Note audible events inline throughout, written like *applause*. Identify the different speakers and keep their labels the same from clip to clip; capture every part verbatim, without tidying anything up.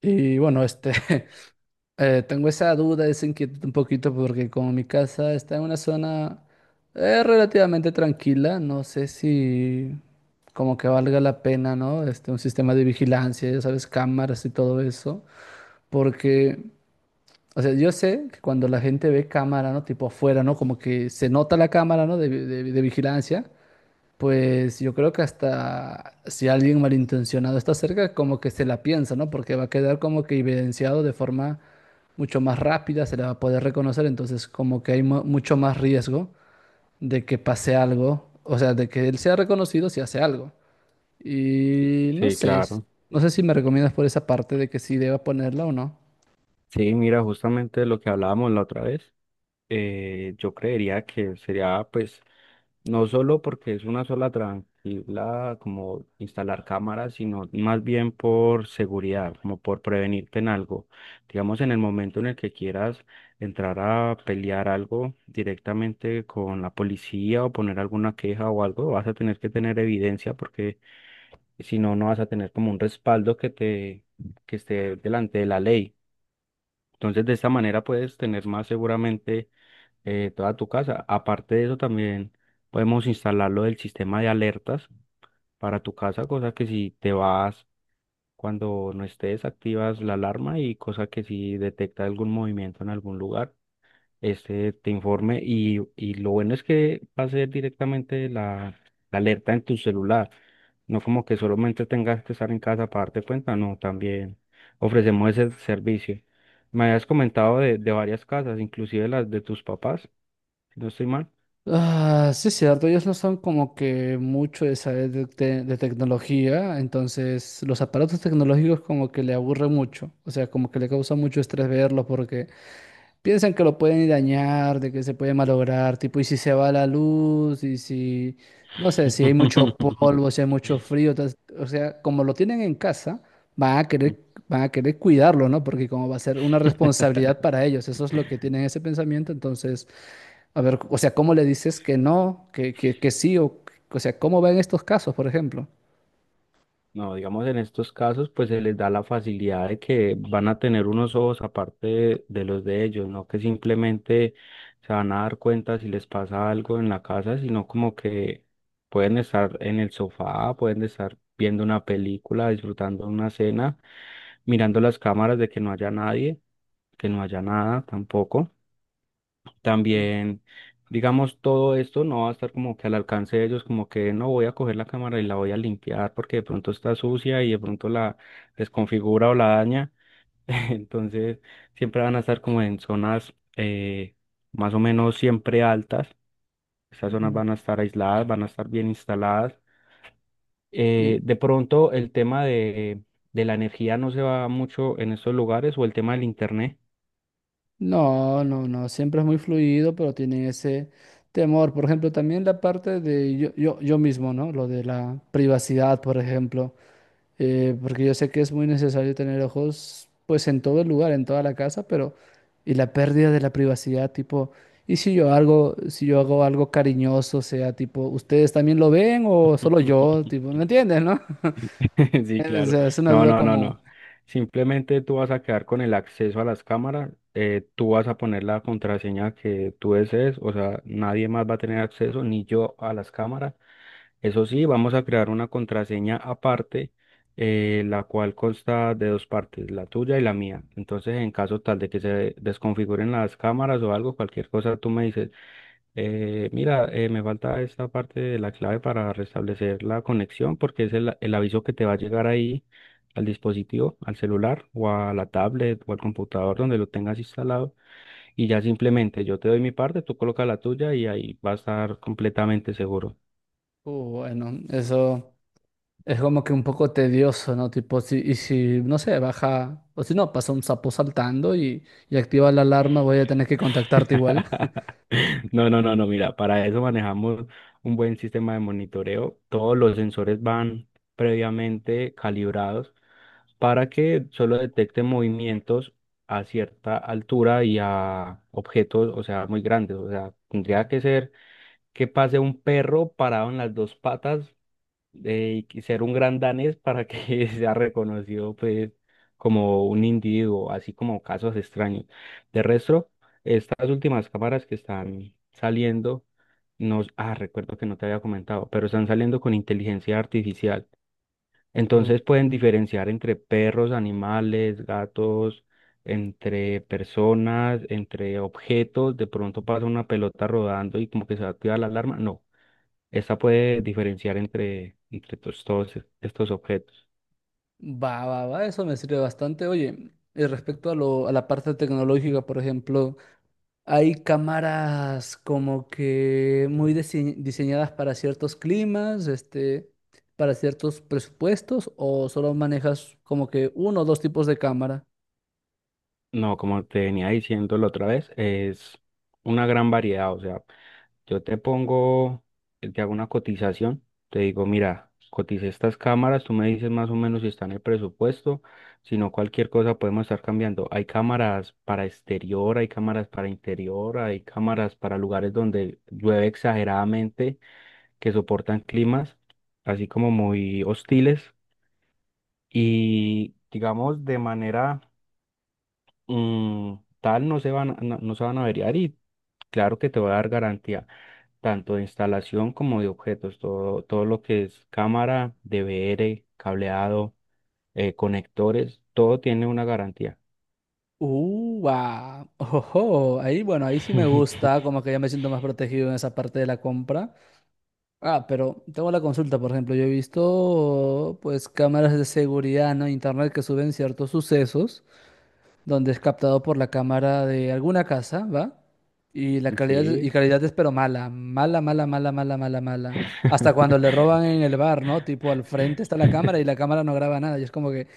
Speaker 1: Y bueno, este, *laughs* eh, tengo esa duda, esa inquietud un poquito porque como mi casa está en una zona eh, relativamente tranquila, no sé si como que valga la pena, ¿no? Este, un sistema de vigilancia, ya sabes, cámaras y todo eso, porque, o sea, yo sé que cuando la gente ve cámara, ¿no? Tipo afuera, ¿no? Como que se nota la cámara, ¿no? de de- de vigilancia. Pues yo creo que hasta si alguien malintencionado está cerca, como que se la piensa, ¿no? Porque va a quedar como que evidenciado de forma mucho más rápida, se le va a poder reconocer, entonces como que hay mu- mucho más riesgo de que pase algo, o sea, de que él sea reconocido si hace algo. Y no
Speaker 2: Sí,
Speaker 1: sé, s-
Speaker 2: claro.
Speaker 1: no sé si me recomiendas por esa parte de que sí deba ponerla o no.
Speaker 2: Sí, mira, justamente lo que hablábamos la otra vez, eh, yo creería que sería, pues, no solo porque es una sola tranquila como instalar cámaras, sino más bien por seguridad, como por prevenirte en algo. Digamos, en el momento en el que quieras entrar a pelear algo directamente con la policía o poner alguna queja o algo, vas a tener que tener evidencia porque si no, no vas a tener como un respaldo que te, que esté delante de la ley. Entonces, de esta manera puedes tener más seguramente eh, toda tu casa. Aparte de eso, también podemos instalarlo del sistema de alertas para tu casa, cosa que si te vas cuando no estés, activas la alarma y cosa que si detecta algún movimiento en algún lugar este te informe y, y lo bueno es que va a ser directamente la, la alerta en tu celular, no como que solamente tengas que estar en casa para darte cuenta, no, también ofrecemos ese servicio. Me habías comentado de, de varias casas, inclusive las de tus papás, si no estoy mal.
Speaker 1: Ah, sí, es cierto, ellos no son como que mucho de saber de, te- de tecnología, entonces los aparatos tecnológicos como que le aburren mucho, o sea, como que le causa mucho estrés verlos porque piensan que lo pueden dañar, de que se puede malograr, tipo, y si se va la luz, y si, no sé, si hay mucho polvo, si hay mucho
Speaker 2: *laughs*
Speaker 1: frío, tas- o sea, como lo tienen en casa, van a querer, van a querer cuidarlo, ¿no? Porque como va a ser una responsabilidad para ellos, eso es lo que tienen ese pensamiento, entonces... A ver, o sea, ¿cómo le dices que no, que, que, que sí? O, o sea, ¿cómo va en estos casos, por ejemplo?
Speaker 2: No, digamos, en estos casos, pues se les da la facilidad de que van a tener unos ojos aparte de, de los de ellos, no que simplemente se van a dar cuenta si les pasa algo en la casa, sino como que pueden estar en el sofá, pueden estar viendo una película, disfrutando una cena, mirando las cámaras de que no haya nadie, que no haya nada tampoco. También, digamos, todo esto no va a estar como que al alcance de ellos, como que no voy a coger la cámara y la voy a limpiar porque de pronto está sucia y de pronto la desconfigura o la daña. *laughs* Entonces, siempre van a estar como en zonas eh, más o menos siempre altas. Esas zonas
Speaker 1: Ujú.
Speaker 2: van a estar aisladas, van a estar bien instaladas.
Speaker 1: Y
Speaker 2: Eh, de pronto, el tema de, de la energía no se va mucho en estos lugares o el tema del internet.
Speaker 1: no, no, no, siempre es muy fluido, pero tienen ese temor. Por ejemplo, también la parte de yo, yo, yo mismo, ¿no? Lo de la privacidad, por ejemplo. Eh, porque yo sé que es muy necesario tener ojos, pues en todo el lugar, en toda la casa, pero y la pérdida de la privacidad, tipo, ¿y si yo algo, si yo hago algo cariñoso, sea tipo, ¿ustedes también lo ven o solo yo?
Speaker 2: *laughs*
Speaker 1: Tipo, ¿me entiendes, no?
Speaker 2: *laughs* Sí,
Speaker 1: Es,
Speaker 2: claro.
Speaker 1: es una
Speaker 2: No,
Speaker 1: duda
Speaker 2: no, no,
Speaker 1: como,
Speaker 2: no. Simplemente tú vas a quedar con el acceso a las cámaras, eh, tú vas a poner la contraseña que tú desees, o sea, nadie más va a tener acceso, ni yo a las cámaras. Eso sí, vamos a crear una contraseña aparte, eh, la cual consta de dos partes, la tuya y la mía. Entonces, en caso tal de que se desconfiguren las cámaras o algo, cualquier cosa, tú me dices, eh, mira, eh, me falta esta parte de la clave para restablecer la conexión porque es el, el aviso que te va a llegar ahí al dispositivo, al celular o a la tablet o al computador donde lo tengas instalado y ya simplemente yo te doy mi parte, tú colocas la tuya y ahí va a estar completamente seguro.
Speaker 1: uh, bueno, eso es como que un poco tedioso, ¿no? Tipo, si, y si, no sé, baja, o si no, pasa un sapo saltando y, y activa la alarma, voy a tener que contactarte igual.
Speaker 2: *laughs* No, no, no, no, mira, para eso manejamos un buen sistema de monitoreo. Todos los sensores van previamente calibrados para que solo detecte movimientos a cierta altura y a objetos, o sea, muy grandes. O sea, tendría que ser que pase un perro parado en las dos patas eh, y ser un gran danés para que *laughs* sea reconocido, pues, como un individuo, así como casos extraños. De resto, estas últimas cámaras que están saliendo, nos, ah, recuerdo que no te había comentado, pero están saliendo con inteligencia artificial.
Speaker 1: Uh,
Speaker 2: Entonces pueden diferenciar entre perros, animales, gatos, entre personas, entre objetos. De pronto pasa una pelota rodando y como que se va a activar la alarma. No, esta puede diferenciar entre, entre tos- todos estos objetos.
Speaker 1: Va, va, va, eso me sirve bastante. Oye, y respecto a lo, a la parte tecnológica, por ejemplo, hay cámaras como que muy dise- diseñadas para ciertos climas, este, para ciertos presupuestos, o solo manejas como que uno o dos tipos de cámara.
Speaker 2: No, como te venía diciendo la otra vez, es una gran variedad. O sea, yo te pongo, eh, te hago una cotización, te digo, mira, cotice estas cámaras, tú me dices más o menos si está en el presupuesto, si no cualquier cosa podemos estar cambiando. Hay cámaras para exterior, hay cámaras para interior, hay cámaras para lugares donde llueve exageradamente, que soportan climas así como muy hostiles y digamos de manera mm, tal no se van, a- no, no se van a averiar y claro que te va a dar garantía tanto de instalación como de objetos, todo, todo lo que es cámara, D V R, cableado, eh, conectores, todo tiene una garantía.
Speaker 1: Uva, *laughs* ojo, ahí bueno, ahí sí me gusta,
Speaker 2: *laughs*
Speaker 1: como que ya me siento más protegido en esa parte de la compra. Ah, pero tengo la consulta, por ejemplo, yo he visto pues cámaras de seguridad, ¿no? Internet que suben ciertos sucesos donde es captado por la cámara de alguna casa, ¿va? Y la calidad y
Speaker 2: Sí.
Speaker 1: calidad es pero mala, mala, mala, mala, mala, mala, mala. Hasta cuando le roban en el bar, ¿no? Tipo, al frente está la cámara y
Speaker 2: *laughs*
Speaker 1: la cámara no graba nada y es como que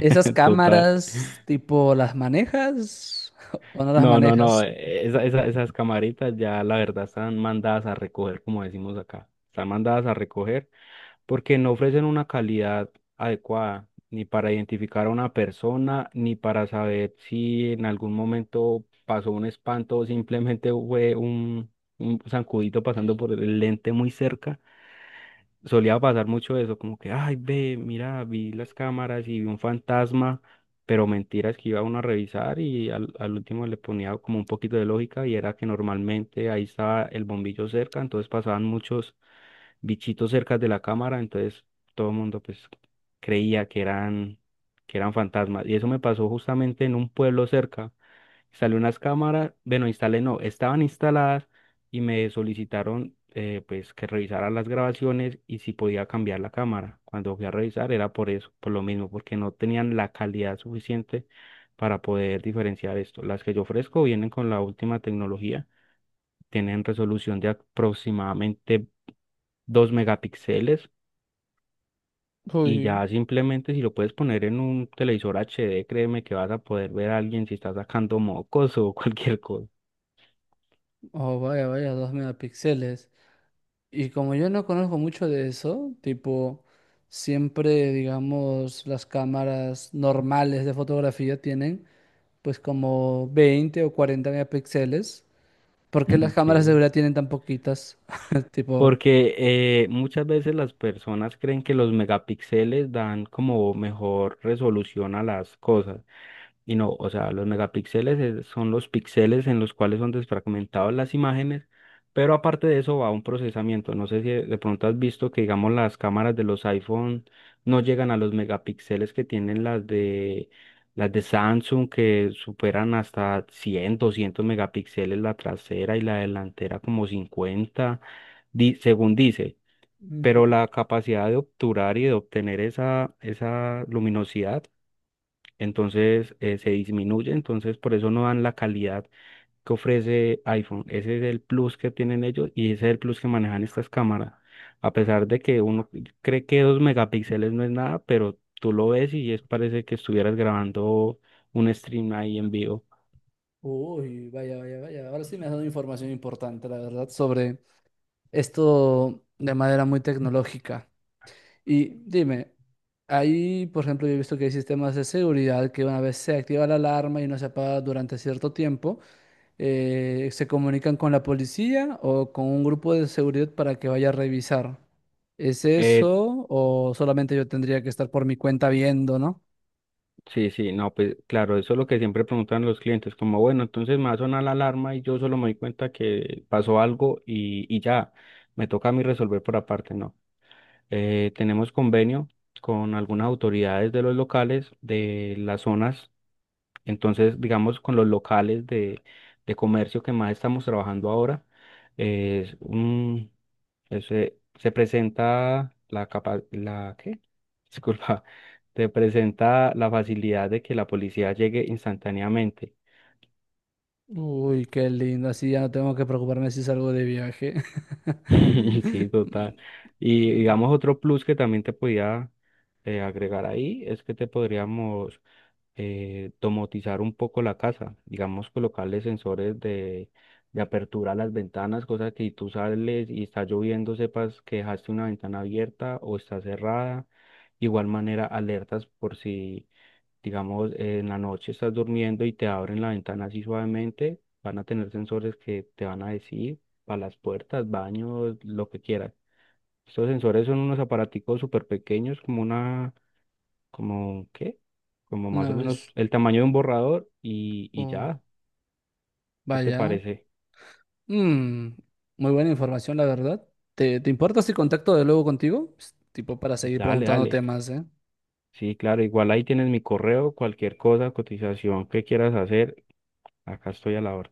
Speaker 1: ¿esas
Speaker 2: Total.
Speaker 1: cámaras, tipo, las manejas *laughs* o no las
Speaker 2: No, no, no.
Speaker 1: manejas?
Speaker 2: esa- esa- esas camaritas ya la verdad están mandadas a recoger, como decimos acá. Están mandadas a recoger porque no ofrecen una calidad adecuada ni para identificar a una persona, ni para saber si en algún momento pasó un espanto o simplemente fue un, un zancudito pasando por el lente muy cerca, solía pasar mucho eso, como que, ay, ve, mira, vi las cámaras y vi un fantasma, pero mentiras que iba uno a revisar y al, al último le ponía como un poquito de lógica y era que normalmente ahí estaba el bombillo cerca, entonces pasaban muchos bichitos cerca de la cámara, entonces todo el mundo pues creía que eran, que eran fantasmas. Y eso me pasó justamente en un pueblo cerca, instalé unas cámaras, bueno, instalé no, estaban instaladas y me solicitaron eh, pues que revisara las grabaciones y si podía cambiar la cámara. Cuando fui a revisar era por eso, por lo mismo, porque no tenían la calidad suficiente para poder diferenciar esto. Las que yo ofrezco vienen con la última tecnología, tienen resolución de aproximadamente dos megapíxeles. Y
Speaker 1: Uy,
Speaker 2: ya simplemente si lo puedes poner en un televisor H D, créeme que vas a poder ver a alguien si está sacando mocos *laughs* o cualquier cosa.
Speaker 1: oh, vaya, vaya, dos megapíxeles. Y como yo no conozco mucho de eso, tipo, siempre, digamos, las cámaras normales de fotografía tienen, pues, como veinte o cuarenta megapíxeles. ¿Por qué las
Speaker 2: *laughs*
Speaker 1: cámaras de
Speaker 2: Sí.
Speaker 1: seguridad tienen tan poquitas? *laughs* Tipo,
Speaker 2: Porque eh, muchas veces las personas creen que los megapíxeles dan como mejor resolución a las cosas. Y no, o sea, los megapíxeles es- son los píxeles en los cuales son desfragmentadas las imágenes, pero aparte de eso va un procesamiento. No sé si de pronto has visto que, digamos, las cámaras de los iPhone no llegan a los megapíxeles que tienen las de, las de Samsung, que superan hasta cien, doscientos megapíxeles la trasera y la delantera como cincuenta di- según dice,
Speaker 1: ujú.
Speaker 2: pero la capacidad de obturar y de obtener esa, esa luminosidad, entonces eh, se disminuye, entonces por eso no dan la calidad que ofrece iPhone. Ese es el plus que tienen ellos y ese es el plus que manejan estas cámaras. A pesar de que uno cree que dos megapíxeles no es nada, pero tú lo ves y es parece que estuvieras grabando un stream ahí en vivo.
Speaker 1: Uy, vaya, vaya, vaya. Ahora sí me has dado información importante, la verdad, sobre esto de manera muy tecnológica. Y dime, ahí, por ejemplo, yo he visto que hay sistemas de seguridad que una vez se activa la alarma y no se apaga durante cierto tiempo, eh, se comunican con la policía o con un grupo de seguridad para que vaya a revisar. ¿Es
Speaker 2: Eh,
Speaker 1: eso o solamente yo tendría que estar por mi cuenta viendo, ¿no?
Speaker 2: Sí, sí, no, pues claro, eso es lo que siempre preguntan los clientes, como bueno, entonces me va a sonar la alarma y yo solo me doy cuenta que pasó algo y, y ya, me toca a mí resolver por aparte, ¿no? Eh, tenemos convenio con algunas autoridades de los locales, de las zonas, entonces digamos con los locales de, de comercio que más estamos trabajando ahora, eh, ese- se presenta la capa, la ¿qué? *laughs* Disculpa, se presenta la facilidad de que la policía llegue instantáneamente.
Speaker 1: Uy, qué lindo, así ya no tengo que preocuparme si salgo de viaje.
Speaker 2: *laughs* Sí, total. Y
Speaker 1: *laughs*
Speaker 2: digamos otro plus que también te podía eh, agregar ahí es que te podríamos eh, domotizar un poco la casa, digamos, colocarle sensores de, de apertura a las ventanas, cosa que si tú sales y está lloviendo, sepas que dejaste una ventana abierta o está cerrada. Igual manera, alertas por si, digamos, en la noche estás durmiendo y te abren la ventana así suavemente, van a tener sensores que te van a decir para las puertas, baños, lo que quieras. Estos sensores son unos aparaticos súper pequeños, como una como, ¿qué? Como más
Speaker 1: Una
Speaker 2: o menos
Speaker 1: vez,
Speaker 2: el tamaño de un borrador y, y
Speaker 1: oh,
Speaker 2: ya, ¿qué te
Speaker 1: vaya.
Speaker 2: parece?
Speaker 1: Mm, muy buena información, la verdad. ¿Te, te importa si contacto de luego contigo? Pues, tipo para seguir
Speaker 2: Dale, dale.
Speaker 1: preguntándote más, ¿eh?
Speaker 2: Sí, claro, igual ahí tienes mi correo, cualquier cosa, cotización que quieras hacer, acá estoy a la hora.